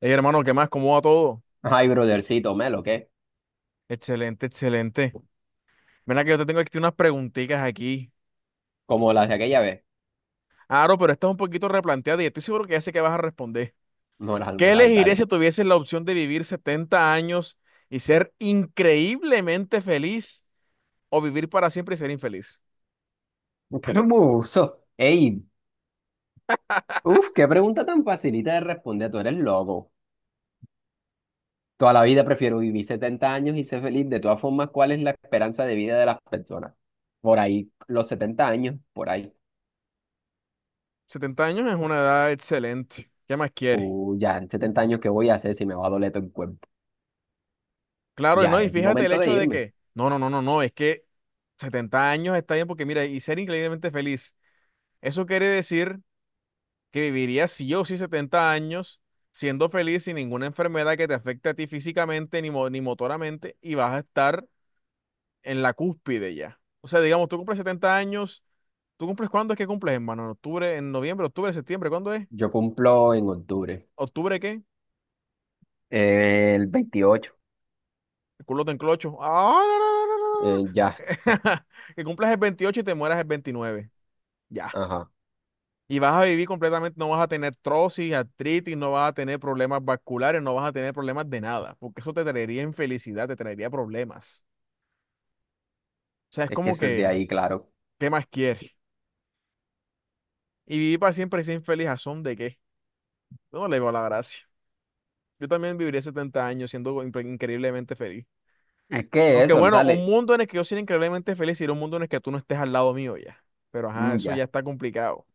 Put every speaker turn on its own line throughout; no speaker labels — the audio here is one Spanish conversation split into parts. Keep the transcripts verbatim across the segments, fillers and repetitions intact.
Hey, hermano, ¿qué más? ¿Cómo va todo?
Ay, brothercito, Melo, ¿qué?
Excelente, excelente. Mira que yo te tengo aquí unas preguntitas aquí.
Como las de aquella vez.
Aro, pero esta es un poquito replanteada y estoy seguro que ya sé que vas a responder.
Moral,
¿Qué
moral,
elegirías
dale.
si tuvieses la opción de vivir setenta años y ser increíblemente feliz o vivir para siempre y ser infeliz?
¿Cómo uso? Ey, uf, qué pregunta tan facilita de responder. Tú eres loco. Toda la vida prefiero vivir setenta años y ser feliz. De todas formas, ¿cuál es la esperanza de vida de las personas? Por ahí, los setenta años, por ahí.
Setenta años es una edad excelente. ¿Qué más quieres?
Uh, ya, en setenta años, ¿qué voy a hacer si me va a doler todo el cuerpo?
Claro, y no,
Ya
y
es
fíjate el
momento de
hecho de
irme.
que, no, no, no, no, no, es que setenta años está bien porque mira, y ser increíblemente feliz, eso quiere decir que vivirías si o sí setenta años siendo feliz sin ninguna enfermedad que te afecte a ti físicamente ni, mo- ni motoramente y vas a estar en la cúspide ya. O sea, digamos, tú cumples setenta años, ¿tú cumples cuándo es que cumples, hermano? ¿En octubre, en noviembre, octubre, septiembre? ¿Cuándo es?
Yo cumplo en octubre,
¿Octubre qué?
eh, el veintiocho.
El culo te enclocho. Ah, no, no, no, no, no, no.
Eh, ya,
Que cumplas el veintiocho y te mueras el veintinueve. Ya.
ajá.
Y vas a vivir completamente, no vas a tener trosis, artritis, no vas a tener problemas vasculares, no vas a tener problemas de nada, porque eso te traería infelicidad, te traería problemas. O sea, es
Es que
como
eso es de
que,
ahí, claro.
¿qué más quieres? Y vivir para siempre y sin infeliz, ¿a son de qué? Yo no le veo la gracia. Yo también viviría setenta años siendo impre- increíblemente feliz.
Es que
Aunque
eso, lo
bueno, un
sale.
mundo en el que yo sea increíblemente feliz sería un mundo en el que tú no estés al lado mío ya. Pero ajá,
Mm,
eso ya
ya.
está complicado.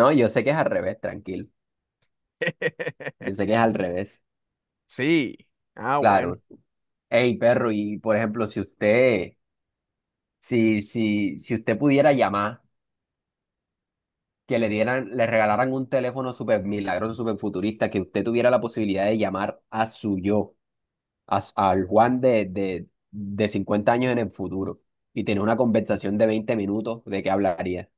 No, yo sé que es al revés, tranquilo. Yo sé que es al revés,
Sí. Ah, bueno.
claro. Hey, perro, y por ejemplo, si usted, si, si, si usted pudiera llamar, que le dieran, le regalaran un teléfono súper milagroso, súper futurista, que usted tuviera la posibilidad de llamar a su yo, a s- al Juan de, de, de cincuenta años en el futuro, y tener una conversación de veinte minutos, ¿de qué hablaría?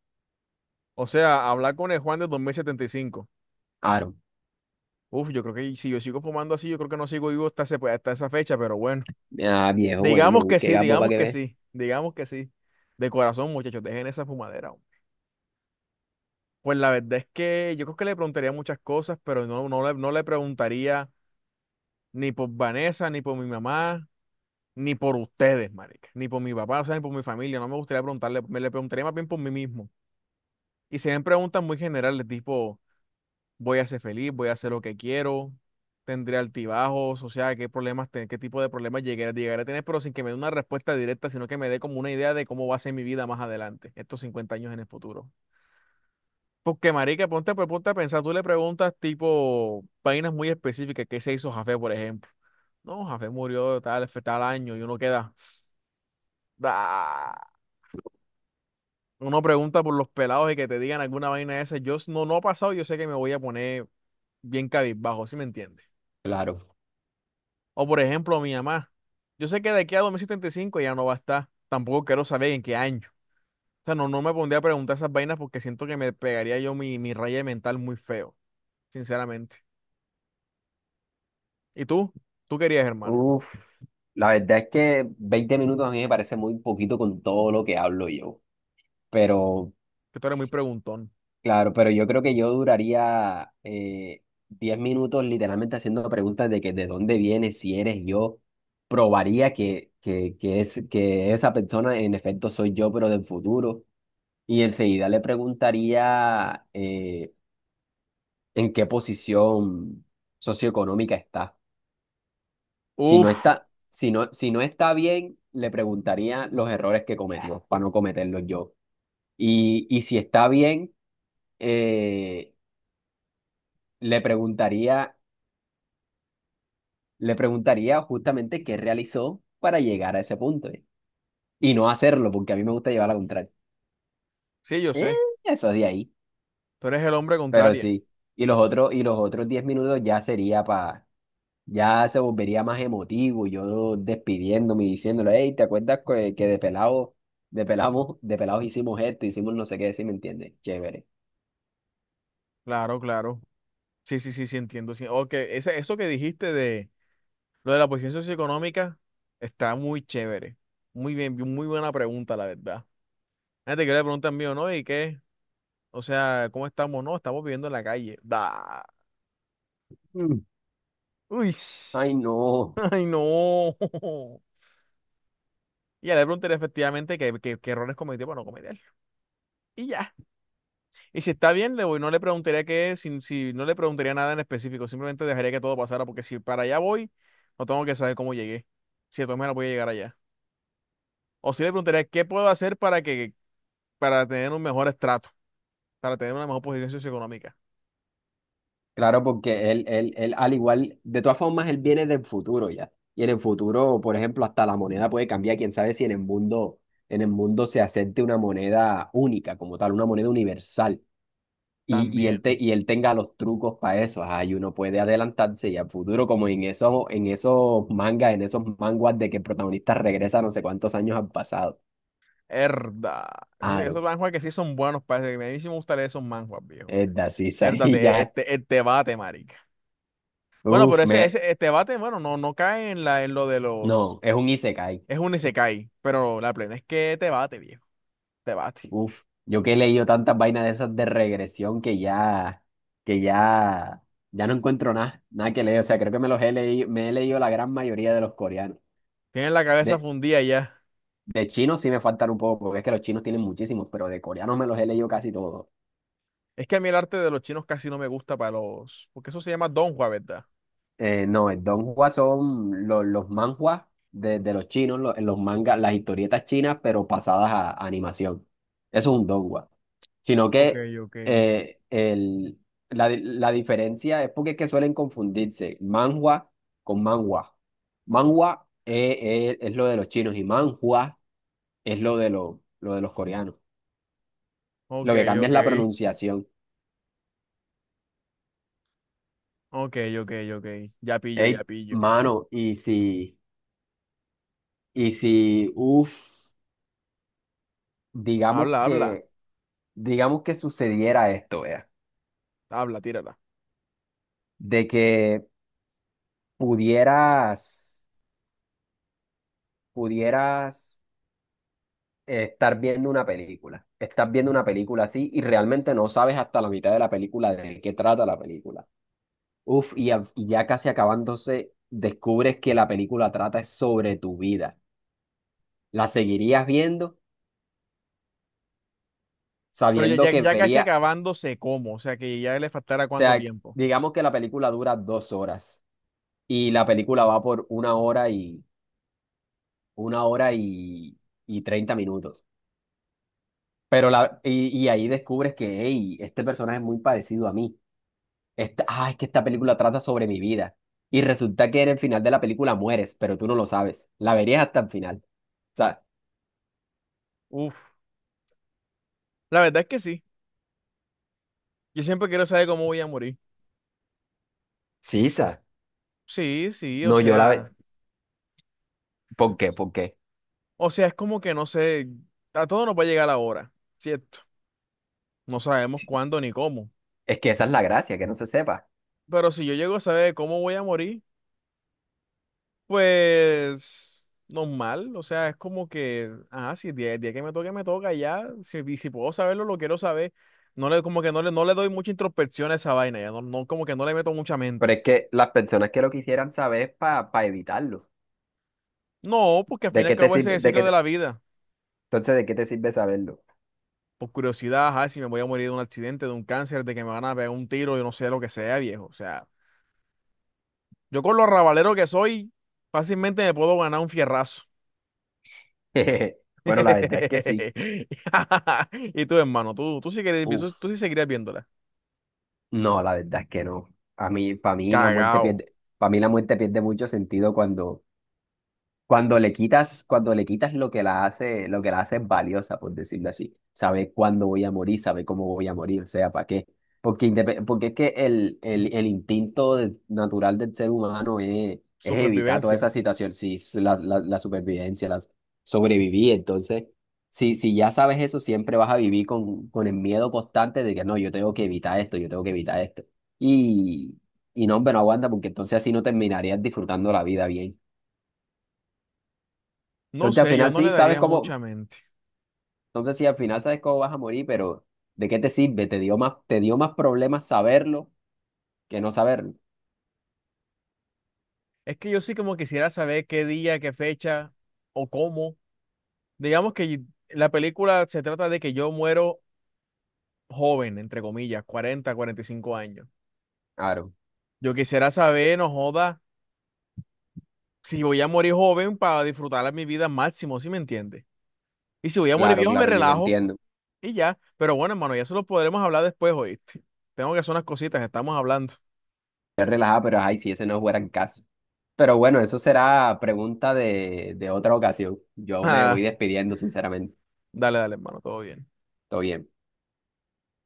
O sea, hablar con el Juan de dos mil setenta y cinco.
Aaron,
Uf, yo creo que si yo sigo fumando así, yo creo que no sigo vivo hasta, ese- pues, hasta esa fecha, pero bueno.
ah, viejo, bueno,
Digamos
no,
que
qué
sí,
gapo para
digamos
que
que
ve.
sí, digamos que sí. De corazón, muchachos, dejen esa fumadera, hombre. Pues la verdad es que yo creo que le preguntaría muchas cosas, pero no, no le, no le preguntaría ni por Vanessa, ni por mi mamá, ni por ustedes, marica, ni por mi papá, o sea, ni por mi familia. No me gustaría preguntarle, me le preguntaría más bien por mí mismo. Y serían preguntas muy generales, tipo, voy a ser feliz, voy a hacer lo que quiero, tendré altibajos, o sea, qué problemas, te- qué tipo de problemas llegué, llegaré a tener, pero sin que me dé una respuesta directa, sino que me dé como una idea de cómo va a ser mi vida más adelante, estos cincuenta años en el futuro. Porque, marica, ponte, pues, ponte a pensar, tú le preguntas tipo vainas muy específicas, ¿qué se hizo Jafé, por ejemplo? No, Jafé murió tal, tal año y uno queda. "Ah". Uno pregunta por los pelados y que te digan alguna vaina de esa. Yo s- no, no ha pasado, yo sé que me voy a poner bien cabizbajo, ¿sí me entiendes?
Claro.
O por ejemplo, mi mamá. Yo sé que de aquí a dos mil setenta y cinco ya no va a estar. Tampoco quiero saber en qué año. O sea, no, no me pondría a preguntar esas vainas porque siento que me pegaría yo mi, mi raya mental muy feo, sinceramente. ¿Y tú? ¿Tú querías, hermano?
Uf, la verdad es que veinte minutos a mí me parece muy poquito con todo lo que hablo yo. Pero,
Que tú eres muy preguntón.
claro, pero yo creo que yo duraría eh, diez minutos literalmente haciendo preguntas de que de dónde vienes, si eres yo. Probaría que, que, que, es, que esa persona en efecto soy yo, pero del futuro. Y enseguida le preguntaría eh, en qué posición socioeconómica está. Si no
Uf,
está, si no, si no está bien, le preguntaría los errores que cometió para no cometerlos yo. Y, y si está bien, eh, le preguntaría, le preguntaría justamente qué realizó para llegar a ese punto. ¿Eh? Y no hacerlo, porque a mí me gusta llevar la contraria.
sí, yo
Eh,
sé.
eso es de ahí,
Tú eres el hombre
pero
contrario.
sí. Y los otros, y los otros diez minutos ya sería para ya se volvería más emotivo, yo despidiéndome y diciéndole, hey, ¿te acuerdas que, que de pelado, de pelamos, de pelados hicimos esto, hicimos no sé qué, sí me entiendes? Chévere.
Claro, claro. Sí, sí, sí, sí, entiendo. Sí. Ok, ese- eso que dijiste de lo de la posición socioeconómica está muy chévere. Muy bien, muy buena pregunta, la verdad. Ah, te quiero preguntar mío, ¿no? ¿Y qué? O sea, ¿cómo estamos? No, estamos viviendo en la calle. Da.
Mm.
Uy.
Ay, no.
Ay, no. Y ya le preguntaré efectivamente qué, qué- qué errores cometió para no cometerlos. Y ya. Y si está bien, le voy, no le preguntaría qué, es, si, si no le preguntaría nada en específico, simplemente dejaría que todo pasara, porque si para allá voy, no tengo que saber cómo llegué. Si de todas maneras voy a llegar allá. O si le preguntaría qué puedo hacer para que, para tener un mejor estrato, para tener una mejor posición socioeconómica.
Claro, porque él, él, él, al igual, de todas formas, él viene del futuro ya. Y en el futuro, por ejemplo, hasta la moneda puede cambiar. Quién sabe si en el mundo, en el mundo se acepte una moneda única como tal, una moneda universal. Y, y él, te-
También.
y él tenga los trucos para eso, ajá, y uno puede adelantarse y a futuro, como en esos, en esos mangas, en esos manguas de que el protagonista regresa no sé cuántos años al pasado.
Herda. Esos, esos
Aro,
manhwa que sí son buenos, parece que a mí sí me gustaría esos manhwas, viejo.
es de así,
Herda,
ahí
te-
ya,
este, el bate, marica. Bueno, pero
uf,
ese,
me,
ese el bate, bueno, no, no cae en la, en lo de los.
no, es un isekai,
Es un Isekai, pero la plena es que te bate, viejo. Te bate.
uf, yo que he leído tantas vainas de esas de regresión que ya, que ya, ya no encuentro nada, nada que leer, o sea, creo que me los he leído, me he leído la gran mayoría de los coreanos.
Tienen la cabeza
De,
fundida ya.
De chinos sí me faltan un poco, porque es que los chinos tienen muchísimos, pero de coreanos me los he leído casi todos.
Es que a mí el arte de los chinos casi no me gusta para los. Porque eso se llama Donghua, ¿verdad?
Eh, no, el Donghua son los, los manhwas de, de los chinos, los, los mangas, las historietas chinas, pero pasadas a, a animación. Eso es un Donghua. Sino
Ok,
que
ok.
eh, el, la, la diferencia es porque es que suelen confundirse manhwa con manhwa. Manhwa es, es- es lo de los chinos y manhua es lo de, lo, lo de los coreanos.
Ok,
Lo que cambia es la
ok.
pronunciación.
Ok, ok, ok. Ya pillo, ya
Ey,
pillo.
mano, y si, y si, uff, digamos
Habla, habla.
que, digamos que sucediera esto, vea,
Habla, tírala.
de que pudieras, pudieras eh, estar viendo una película, estás viendo
Ujú.
una película así y realmente no sabes hasta la mitad de la película de qué trata la película. Uff, y, a- y ya casi acabándose, descubres que la película trata es sobre tu vida. ¿La seguirías viendo
Pero ya,
sabiendo
ya,
que
ya casi
vería,
acabándose como, o sea que ya le faltará
o
cuánto
sea,
tiempo.
digamos que la película dura dos horas? Y la película va por una hora y una hora y, y treinta minutos. Pero la, y, y ahí descubres que, hey, este personaje es muy parecido a mí. Esta, ah, es que esta película trata sobre mi vida. Y resulta que en el final de la película mueres, pero tú no lo sabes. La verías hasta el final. O sea,
Uf, la verdad es que sí. Yo siempre quiero saber cómo voy a morir.
sí, Isa.
Sí, sí, o
No, yo la ve.
sea,
¿Por qué? ¿Por qué?
o sea, es como que no sé, a todo nos va a llegar la hora, ¿cierto? No sabemos cuándo ni cómo.
Es que esa es la gracia, que no se sepa.
Pero si yo llego a saber cómo voy a morir, pues normal, o sea, es como que, ah, si el día, el día que me toque, me toca ya, si, y si puedo saberlo, lo quiero saber. No le, como que no le, no le doy mucha introspección a esa vaina, ya no, no, como que no le meto mucha
Pero
mente.
es que las personas que lo quisieran saber es para evitarlo.
No, porque al fin y
¿De
al
qué te
cabo ese es
sirve?
el
De qué
ciclo de
te-
la vida.
Entonces, ¿de qué te sirve saberlo?
Por curiosidad, ajá, si me voy a morir de un accidente, de un cáncer, de que me van a pegar un tiro, yo no sé lo que sea, viejo. O sea, yo con lo rabalero que soy, fácilmente me puedo ganar un fierrazo.
Bueno, la verdad es que sí.
Y tú, hermano, tú, tú sí querías, tú,
Uf,
tú sí seguirías viéndola.
no, la verdad es que no. A mí, para mí la muerte
Cagao.
pierde, para mí la muerte pierde mucho sentido cuando cuando le quitas, cuando le quitas lo que la hace, lo que la hace valiosa, por decirlo así. Sabe cuándo voy a morir, sabe cómo voy a morir, o sea, ¿para qué? Porque, indepe- porque es que el, el, el instinto de- natural del ser humano es, es evitar toda
Supervivencia.
esa situación, sí, s- la, la, la supervivencia, la sobrevivir. Entonces, si, si ya sabes eso, siempre vas a vivir con, con el miedo constante de que no, yo tengo que evitar esto, yo tengo que evitar esto. Y, y no, hombre, no aguanta, porque entonces así no terminarías disfrutando la vida bien.
No
Entonces al
sé, yo
final
no le
sí sabes
daría
cómo,
mucha mente.
entonces sí al final sabes cómo vas a morir, pero ¿de qué te sirve? Te dio más, te dio más problemas saberlo que no saberlo.
Es que yo sí como quisiera saber qué día, qué fecha o cómo. Digamos que la película se trata de que yo muero joven, entre comillas, cuarenta cuarenta y cinco años.
Claro,
Yo quisiera saber, no joda, si voy a morir joven para disfrutar la- mi vida al máximo, ¿sí me entiendes? Y si voy a morir
claro,
viejo, me
claro, yo lo
relajo
entiendo.
y ya. Pero bueno, hermano, ya eso lo podremos hablar después, ¿oíste? Tengo que hacer unas cositas, estamos hablando.
Es relajada, pero ay, si ese no fuera el caso. Pero bueno, eso será pregunta de, de otra ocasión. Yo me
Ah,
voy despidiendo, sinceramente.
dale, dale, hermano, todo bien.
Todo bien.